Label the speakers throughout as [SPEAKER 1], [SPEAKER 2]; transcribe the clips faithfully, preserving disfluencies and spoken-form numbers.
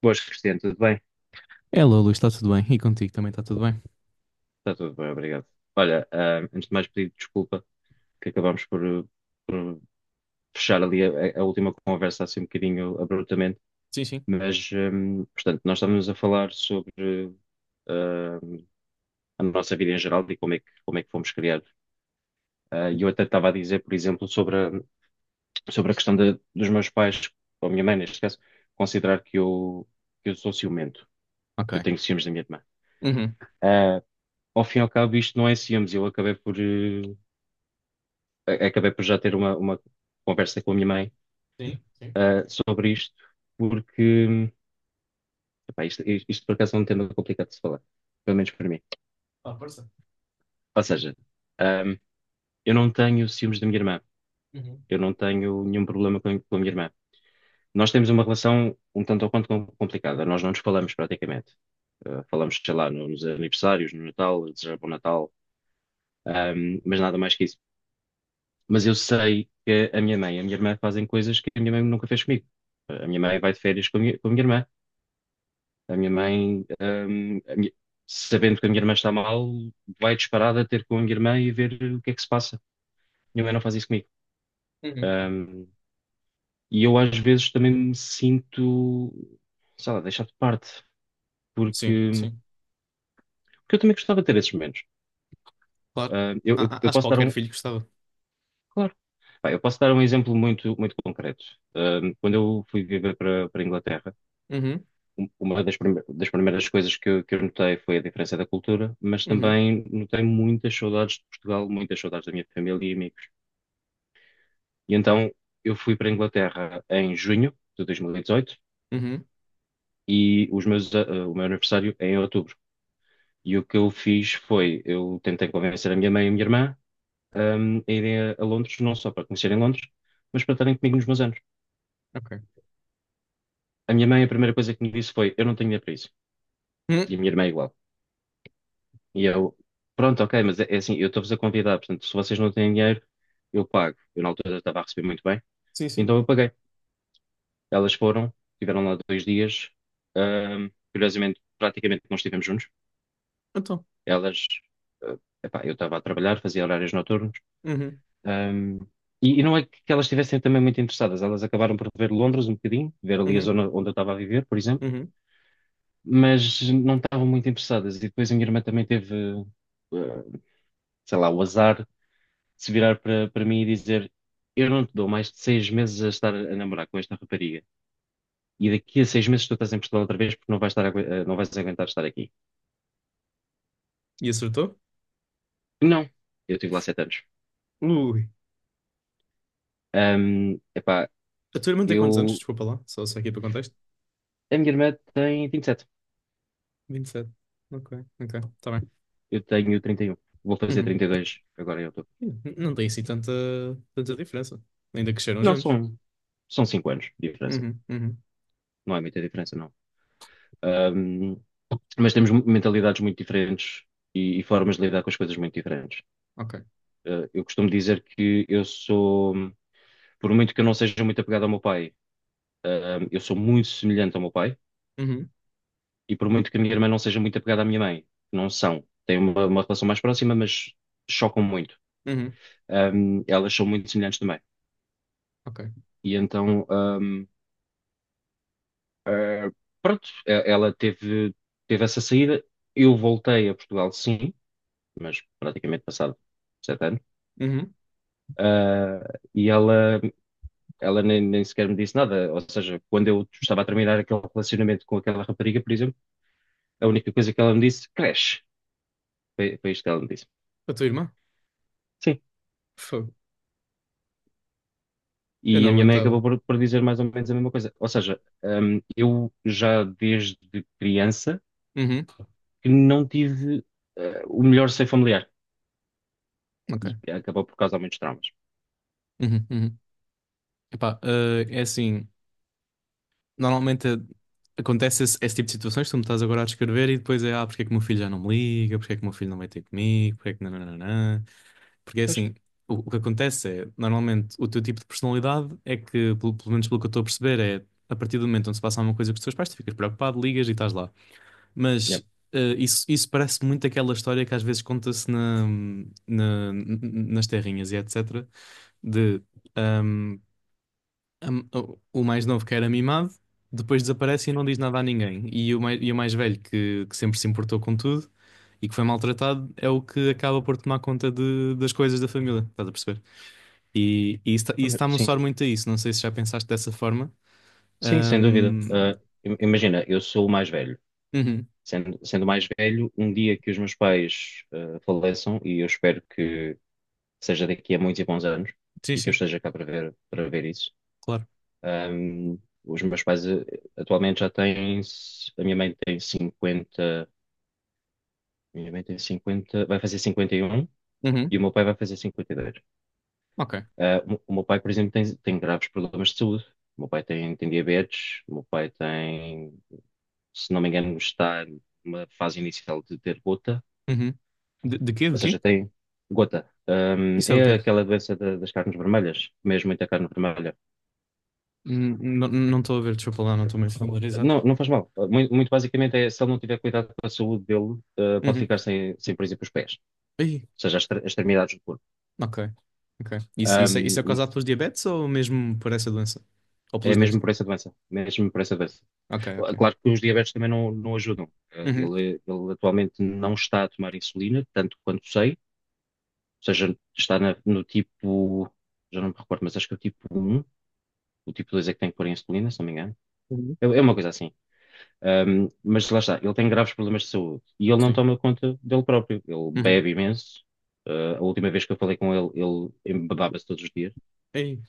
[SPEAKER 1] Boas, Cristiano, tudo bem?
[SPEAKER 2] Hello, Luís, está tudo bem? E contigo também está tudo bem?
[SPEAKER 1] Está tudo bem, obrigado. Olha, ah, antes de mais pedir desculpa que acabámos por, uh, por fechar ali a, a última conversa assim um bocadinho abruptamente,
[SPEAKER 2] Sim, sim.
[SPEAKER 1] mas, hum, portanto, nós estávamos a falar sobre ah, a nossa vida em geral e como é que, como é que fomos criados. Ah, E eu até estava a dizer, por exemplo, sobre a, sobre a questão da- dos meus pais, ou a minha mãe neste caso, considerar que eu, que eu sou ciumento,
[SPEAKER 2] Ok.
[SPEAKER 1] que eu tenho ciúmes da minha irmã.
[SPEAKER 2] Uhum.
[SPEAKER 1] Ah, Ao fim e ao cabo, isto não é ciúmes, eu acabei por, eh, a- acabei por já ter uma, uma conversa com a minha mãe,
[SPEAKER 2] Sim, sim.
[SPEAKER 1] ah, sobre isto, porque epá, isto, isto- isto por acaso é um tema complicado de se falar, pelo menos para mim.
[SPEAKER 2] Ah, força.
[SPEAKER 1] Ou seja, ahm, eu não tenho ciúmes da minha irmã,
[SPEAKER 2] Uhum.
[SPEAKER 1] eu não tenho nenhum problema com, com a minha irmã. Nós temos uma relação um tanto ou quanto com- complicada, nós não nos falamos praticamente. Ah, falamos, sei lá, nos aniversários, no Natal, desejar bom Natal, ahm, mas nada mais que isso. Mas eu sei que a minha mãe e a minha irmã fazem coisas que a minha mãe nunca fez comigo. A minha mãe vai de férias com a minha, com a minha irmã. A minha mãe, hum, a minha- sabendo que a minha irmã está mal, vai disparada ter com a minha irmã e ver o que é que se passa. Minha mãe não faz isso comigo.
[SPEAKER 2] Uhum.
[SPEAKER 1] Hum, e eu às vezes também me sinto, sei lá, deixado de parte,
[SPEAKER 2] Sim,
[SPEAKER 1] porque,
[SPEAKER 2] sim.
[SPEAKER 1] porque eu também gostava de ter esses momentos.
[SPEAKER 2] Claro.
[SPEAKER 1] Hum, eu,
[SPEAKER 2] A-
[SPEAKER 1] eu-
[SPEAKER 2] a-
[SPEAKER 1] eu
[SPEAKER 2] acho que
[SPEAKER 1] posso dar
[SPEAKER 2] qualquer
[SPEAKER 1] um,
[SPEAKER 2] filho gostava.
[SPEAKER 1] claro, pá, eu posso dar um exemplo muito, muito concreto. Hum, quando eu fui viver para, para a Inglaterra,
[SPEAKER 2] Uhum.
[SPEAKER 1] um- uma das, prime- das primeiras coisas que, eu- que eu notei foi a diferença da cultura, mas
[SPEAKER 2] Uhum.
[SPEAKER 1] também notei muitas saudades de Portugal, muitas saudades da minha família e amigos. E então eu fui para a Inglaterra em junho de dois mil e dezoito e
[SPEAKER 2] Uhum.
[SPEAKER 1] dezoito e os meus, a- o meu aniversário é em outubro. E o que eu fiz foi, eu tentei convencer a minha mãe e a minha irmã, hum, a irem a, a Londres, não só para conhecerem Londres, mas para estarem comigo nos meus anos.
[SPEAKER 2] Ok.
[SPEAKER 1] A minha mãe, a primeira coisa que me disse foi: eu não tenho dinheiro para isso.
[SPEAKER 2] Uhum.
[SPEAKER 1] E a minha irmã igual. E eu, pronto, ok, mas é, é assim, eu estou-vos a convidar, portanto, se vocês não têm dinheiro, eu pago. Eu na altura estava a receber muito bem,
[SPEAKER 2] Sim, sim.
[SPEAKER 1] então eu paguei. Elas foram, tiveram lá dois dias, ahm, curiosamente, praticamente não estivemos juntos.
[SPEAKER 2] Então.
[SPEAKER 1] Elas, ah, epá, eu estava a trabalhar, fazia horários noturnos,
[SPEAKER 2] Uhum.
[SPEAKER 1] ahm, e, e não é que elas estivessem também muito interessadas, elas acabaram por ver Londres um bocadinho, ver ali a
[SPEAKER 2] Uhum.
[SPEAKER 1] zona onde eu estava a viver, por exemplo,
[SPEAKER 2] Uhum.
[SPEAKER 1] mas não estavam muito interessadas. E depois a minha irmã também teve, ah, sei lá, o azar se virar para para mim e dizer: eu não te dou mais de seis meses a estar a namorar com esta rapariga, e daqui a seis meses tu estás em Portugal outra vez porque não vais estar, agu- eh, não vais aguentar estar aqui.
[SPEAKER 2] E acertou?
[SPEAKER 1] Não, eu estive lá sete anos.
[SPEAKER 2] Ui.
[SPEAKER 1] Ahm, epá,
[SPEAKER 2] A tua irmã tem quantos anos?
[SPEAKER 1] eu.
[SPEAKER 2] Desculpa lá. Só, só aqui para o contexto.
[SPEAKER 1] A minha irmã tem vinte e sete,
[SPEAKER 2] Vinte e sete. Ok, ok. Está bem.
[SPEAKER 1] eu tenho trinta e um, vou fazer
[SPEAKER 2] Uhum.
[SPEAKER 1] trinta e dois agora em outubro.
[SPEAKER 2] N- Não tem assim tanta, tanta diferença. Ainda cresceram
[SPEAKER 1] Não,
[SPEAKER 2] juntos.
[SPEAKER 1] são, são cinco anos de diferença,
[SPEAKER 2] Uhum. Uhum.
[SPEAKER 1] não é muita diferença, não. Ahm, mas temos mu- mentalidades muito diferentes e, e formas de lidar com as coisas muito diferentes.
[SPEAKER 2] Ok.
[SPEAKER 1] Eh, eu costumo dizer que eu sou. Por muito que eu não seja muito apegado ao meu pai, ahm, eu sou muito semelhante ao meu pai,
[SPEAKER 2] Uhum.
[SPEAKER 1] e por muito que a minha irmã não seja muito apegada à minha mãe, não são. Têm uma, uma relação mais próxima, mas chocam muito.
[SPEAKER 2] Uhum.
[SPEAKER 1] Ahm, elas são muito semelhantes também.
[SPEAKER 2] Ok.
[SPEAKER 1] E então, ahm, ah, pronto, e- ela teve, teve essa saída. Eu voltei a Portugal, sim, mas praticamente passado sete anos.
[SPEAKER 2] Uhum.
[SPEAKER 1] Ah, e ela, ela nem, nem sequer me disse nada. Ou seja, quando eu estava a terminar aquele relacionamento com aquela rapariga, por exemplo. A única coisa que ela me disse: cresce. Foi, foi isto que ela me disse.
[SPEAKER 2] A tua irmã?
[SPEAKER 1] Sim.
[SPEAKER 2] Fogo. Eu
[SPEAKER 1] E
[SPEAKER 2] não
[SPEAKER 1] a minha mãe
[SPEAKER 2] aguentava.
[SPEAKER 1] acabou por, por dizer mais ou menos a mesma coisa. Ou seja, hum, eu já desde criança
[SPEAKER 2] Uhum.
[SPEAKER 1] que não tive eh, o melhor seio familiar.
[SPEAKER 2] Ok.
[SPEAKER 1] E acabou por causar muitos traumas.
[SPEAKER 2] Uhum, uhum. Epá, eh, é assim, normalmente eh, acontece esse, esse tipo de situações, que tu me estás agora a descrever e depois é, ah, porque é que o meu filho já não me liga, porque é que o meu filho não vai ter comigo, porque é que nananana. Porque é
[SPEAKER 1] Pois,
[SPEAKER 2] assim, o, o que acontece é, normalmente, o teu tipo de personalidade é que, pelo, pelo menos pelo que eu estou a perceber, é a partir do momento onde se passa alguma coisa com os teus pais, tu ficas preocupado, ligas e estás lá.
[SPEAKER 1] yeah.
[SPEAKER 2] Mas eh, isso, isso parece muito aquela história que às vezes conta-se na, na- nas terrinhas e etc de ahm, am- o o mais novo que era mimado, depois desaparece e não diz nada a ninguém. E o mais, e o mais velho que, que sempre se importou com tudo e que foi maltratado é o que acaba por tomar conta de- das coisas da família, estás a perceber? E, e isso está-me a
[SPEAKER 1] Sim,
[SPEAKER 2] soar muito a isso, não sei se já pensaste dessa forma.
[SPEAKER 1] sim, sem dúvida.
[SPEAKER 2] Ahm,
[SPEAKER 1] Ah, im- imagina, eu sou o mais velho.
[SPEAKER 2] uhum,
[SPEAKER 1] Sendo, sendo o mais velho, um dia que os meus pais ah, faleçam, e eu espero que seja daqui a muitos e bons anos,
[SPEAKER 2] sim,
[SPEAKER 1] e que eu
[SPEAKER 2] sim,
[SPEAKER 1] esteja cá para ver, para ver isso.
[SPEAKER 2] claro.
[SPEAKER 1] ahm, os meus pais eh, atualmente já têm, s- a minha mãe tem cinquenta, minha mãe tem cinquenta, vai fazer cinquenta e um,
[SPEAKER 2] Uhum.
[SPEAKER 1] e o meu pai vai fazer cinquenta e dois.
[SPEAKER 2] Ok.
[SPEAKER 1] Ah, o, o meu pai, por exemplo, tem, tem graves problemas de saúde. O meu pai tem, tem diabetes. O meu pai tem, se não me engano, está numa fase inicial de ter gota.
[SPEAKER 2] Uhum. De, de quê? De
[SPEAKER 1] Ou seja,
[SPEAKER 2] quê?
[SPEAKER 1] tem gota. Hum,
[SPEAKER 2] Isso é o
[SPEAKER 1] é
[SPEAKER 2] quê?
[SPEAKER 1] aquela doença da- das carnes vermelhas, mesmo muita carne vermelha.
[SPEAKER 2] Hum, Não não estou a ver, desculpa lá, não estou meio familiarizado.
[SPEAKER 1] Não, não faz mal. Muito, muito basicamente é, se ele não tiver cuidado com a saúde dele, eh, pode
[SPEAKER 2] Uhum.
[SPEAKER 1] ficar sem, sem, por exemplo, os pés,
[SPEAKER 2] Ai,
[SPEAKER 1] ou seja, as, extre- extremidades do corpo.
[SPEAKER 2] ok, ok. Isso, isso, é, isso
[SPEAKER 1] Hum,
[SPEAKER 2] é causado pelos diabetes ou mesmo por essa doença? Ou
[SPEAKER 1] É
[SPEAKER 2] pelos dois?
[SPEAKER 1] mesmo por essa doença, mesmo por essa doença.
[SPEAKER 2] Ok, ok.
[SPEAKER 1] Claro que os diabetes também não, não ajudam. Eh,
[SPEAKER 2] Uhum.
[SPEAKER 1] Ele, ele atualmente não está a tomar insulina, tanto quanto sei, seja, está na- no tipo, já não me recordo, mas acho que é o tipo um. O tipo dois é que tem que pôr em insulina, se não me engano.
[SPEAKER 2] Uhum.
[SPEAKER 1] É, é uma coisa assim. Ahm, mas lá está, ele tem graves problemas de saúde e ele não
[SPEAKER 2] Sim.
[SPEAKER 1] toma conta dele próprio. Ele
[SPEAKER 2] Uhum.
[SPEAKER 1] bebe imenso. Ah, a última vez que eu falei com ele, ele embebava-se todos os dias.
[SPEAKER 2] Ei,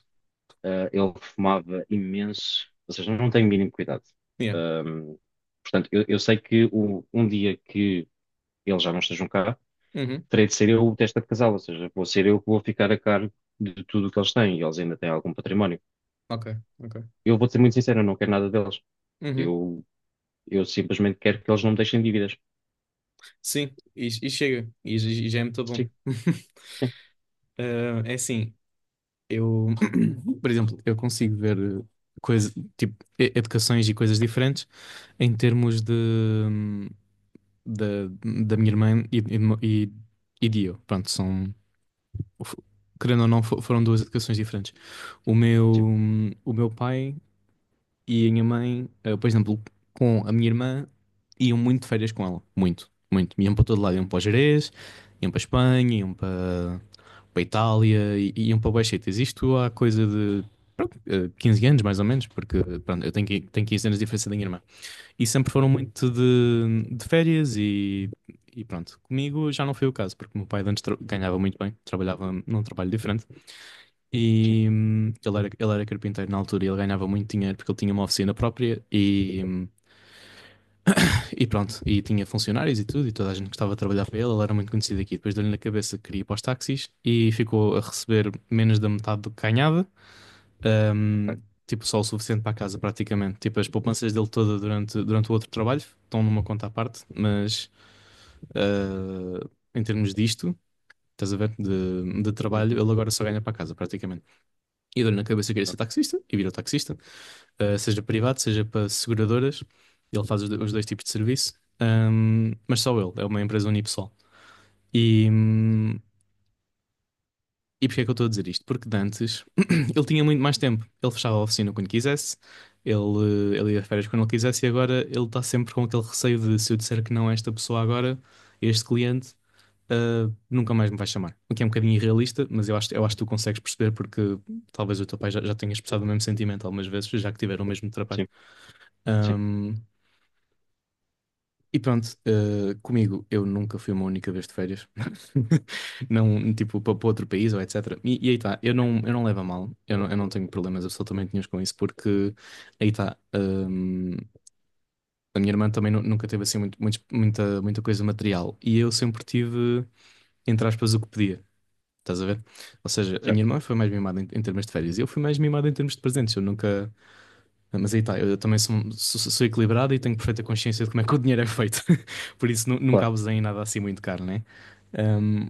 [SPEAKER 1] Ah, ele fumava imenso, ou seja, não tem o mínimo cuidado.
[SPEAKER 2] yeah.
[SPEAKER 1] Ahm, Portanto, eu, eu sei que o- um dia que ele já não esteja cá,
[SPEAKER 2] Uhum.
[SPEAKER 1] terei de ser eu o testa de casal, ou seja, vou ser eu que vou ficar a cargo de tudo o que eles têm, e eles ainda têm algum património.
[SPEAKER 2] Ok, ok.
[SPEAKER 1] Eu vou ser muito sincero, eu não quero nada deles.
[SPEAKER 2] Uhum.
[SPEAKER 1] Eu, eu simplesmente quero que eles não me deixem dívidas.
[SPEAKER 2] Sim, e, e chega. E, j- e já é muito bom.
[SPEAKER 1] Sim, sim,
[SPEAKER 2] Eh, é assim, eu, por exemplo, eu consigo ver eh, coisa, tipo, e- educações e coisas diferentes em termos de, hum, da da minha irmã e, e, e, e de eu. Pronto, são, f- querendo ou não, fo- foram duas educações diferentes. O meu,
[SPEAKER 1] sim,
[SPEAKER 2] o meu pai e a minha mãe, eh, por exemplo, com a minha irmã, iam muito de férias com ela. Muito, muito. Iam para todo lado. Iam para o Jerez, iam para a Espanha, iam para, para a Itália, i- iam para vários sítios. Isto há coisa de pronto, eh, quinze anos, mais ou menos, porque pronto, eu tenho, qui- tenho quinze anos de diferença da minha irmã. E sempre foram muito de, de férias e, e pronto. Comigo já não foi o caso, porque o meu pai de antes tra- ganhava muito bem, trabalhava num trabalho diferente.
[SPEAKER 1] sim,
[SPEAKER 2] E hum, ele era, ele era carpinteiro na altura e ele ganhava muito dinheiro porque ele tinha uma oficina própria e, hum, e pronto, e tinha funcionários e tudo, e toda a gente gostava de trabalhar para ele, ele era muito conhecido aqui. Depois deu-lhe na cabeça que queria ir para os táxis e ficou a receber menos da metade do que ganhava,
[SPEAKER 1] ok.
[SPEAKER 2] hum, tipo só o suficiente para a casa praticamente. Tipo, as poupanças dele toda durante, durante o outro trabalho estão numa conta à parte, mas ah, em termos disto. Estás a ver? De, de trabalho,
[SPEAKER 1] Uhum,
[SPEAKER 2] ele agora só ganha para a casa, praticamente. E deu-lhe na cabeça que queria ser
[SPEAKER 1] ok.
[SPEAKER 2] taxista e virou taxista. eh, seja privado, seja para seguradoras. Ele faz os do- os dois tipos de serviço. Ahm, mas só ele, é uma empresa unipessoal. E, hum, e porquê é que eu estou a dizer isto? Porque de antes ele tinha muito mais tempo. Ele fechava a oficina quando quisesse, ele, eh, ele ia de férias quando ele quisesse, e agora ele está sempre com aquele receio de se eu disser que não a esta pessoa agora, a este cliente. ah, nunca mais me vai chamar. O que é um bocadinho irrealista, mas eu acho, eu acho, que tu consegues perceber porque talvez o teu pai já, já tenha expressado o mesmo sentimento algumas vezes, já que tiveram o mesmo trabalho.
[SPEAKER 1] Sim, sim,
[SPEAKER 2] E pronto, eh, comigo eu nunca fui uma única vez de férias, não, tipo, para outro país ou etecétera. E, e aí está, eu não, eu não levo a mal, eu não, eu não tenho problemas absolutamente nenhuns com isso, porque aí está, hum, a minha irmã também nu- nunca teve assim muito, muitos- muita, muita coisa material e eu sempre tive, entre aspas, o que pedia, estás a ver? Ou seja, a minha
[SPEAKER 1] certo.
[SPEAKER 2] irmã foi mais mimada em, em termos de férias e eu fui mais mimado em termos de presentes, eu nunca. Mas aí está, eu também sou, sou- sou equilibrado e tenho perfeita consciência de como é que o dinheiro é feito. Por isso nu- nunca
[SPEAKER 1] Claro.
[SPEAKER 2] abusei em nada assim muito caro, né? Um,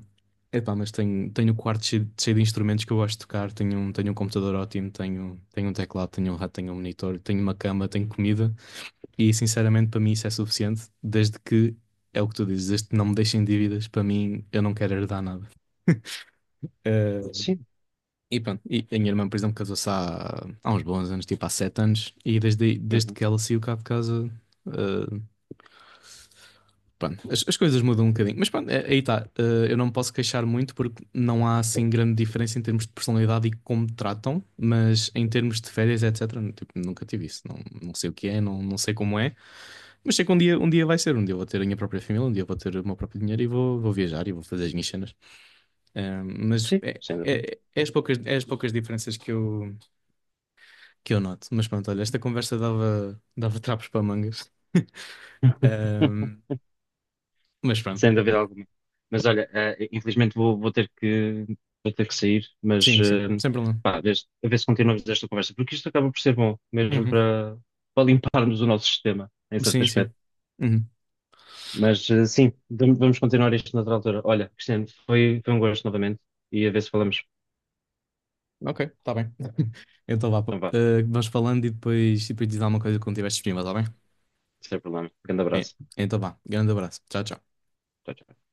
[SPEAKER 2] Epá, mas tenho, tenho o quarto cheio, cheio de instrumentos que eu gosto de tocar. Tenho um, tenho um computador ótimo, tenho, tenho um teclado, tenho um rato, tenho um monitor, tenho uma cama, tenho comida. E sinceramente para mim isso é suficiente, desde que, é o que tu dizes, desde que não me deixem dívidas, para mim eu não quero herdar nada. Hum,
[SPEAKER 1] Sim,
[SPEAKER 2] e pronto, e a minha irmã, por exemplo, casou-se há, há uns bons anos, tipo há sete anos, e desde, aí- desde
[SPEAKER 1] uhum,
[SPEAKER 2] que ela saiu cá de casa, eh, pronto, as, as coisas mudam um bocadinho. Mas pronto, é- aí está. Eh, eu não me posso queixar muito porque não há assim grande diferença em termos de personalidade e como me tratam, mas em termos de férias, etecétera, tipo, nunca tive isso. Não, não sei o que é, não, não sei como é, mas sei que um dia, um dia vai ser. Um dia eu vou ter a minha própria família, um dia eu vou ter o meu próprio dinheiro e vou, vou viajar e vou fazer as minhas cenas. Eh, mas
[SPEAKER 1] sim,
[SPEAKER 2] é,
[SPEAKER 1] sem dúvida.
[SPEAKER 2] é, é as poucas, é as poucas diferenças que eu que eu noto. Mas pronto, olha, esta conversa dava, dava trapos para mangas. Ahm, mas pronto,
[SPEAKER 1] Sem dúvida alguma. Mas olha, eh, infelizmente vou, vou ter que, vou ter que sair, mas
[SPEAKER 2] sim, sim,
[SPEAKER 1] eh,
[SPEAKER 2] sem problema.
[SPEAKER 1] pá, a ver, se a ver se continuamos esta conversa, porque isto acaba por ser bom, mesmo
[SPEAKER 2] Uhum.
[SPEAKER 1] para, para limparmos o nosso sistema, em certo
[SPEAKER 2] Sim, sim.
[SPEAKER 1] aspecto.
[SPEAKER 2] Uhum.
[SPEAKER 1] Mas eh, sim, vam- vamos continuar isto noutra altura. Olha, Cristiano, foi, foi um gosto novamente e a ver se falamos.
[SPEAKER 2] Ok, está bem. Então vá, pá.
[SPEAKER 1] Então vá,
[SPEAKER 2] Ah, vamos falando e depois, e depois diz alguma coisa quando estiveres disponível, está bem?
[SPEAKER 1] sem problema. Grande
[SPEAKER 2] É.
[SPEAKER 1] abraço.
[SPEAKER 2] Então vá, grande abraço. Tchau, tchau.
[SPEAKER 1] Tchau, tchau.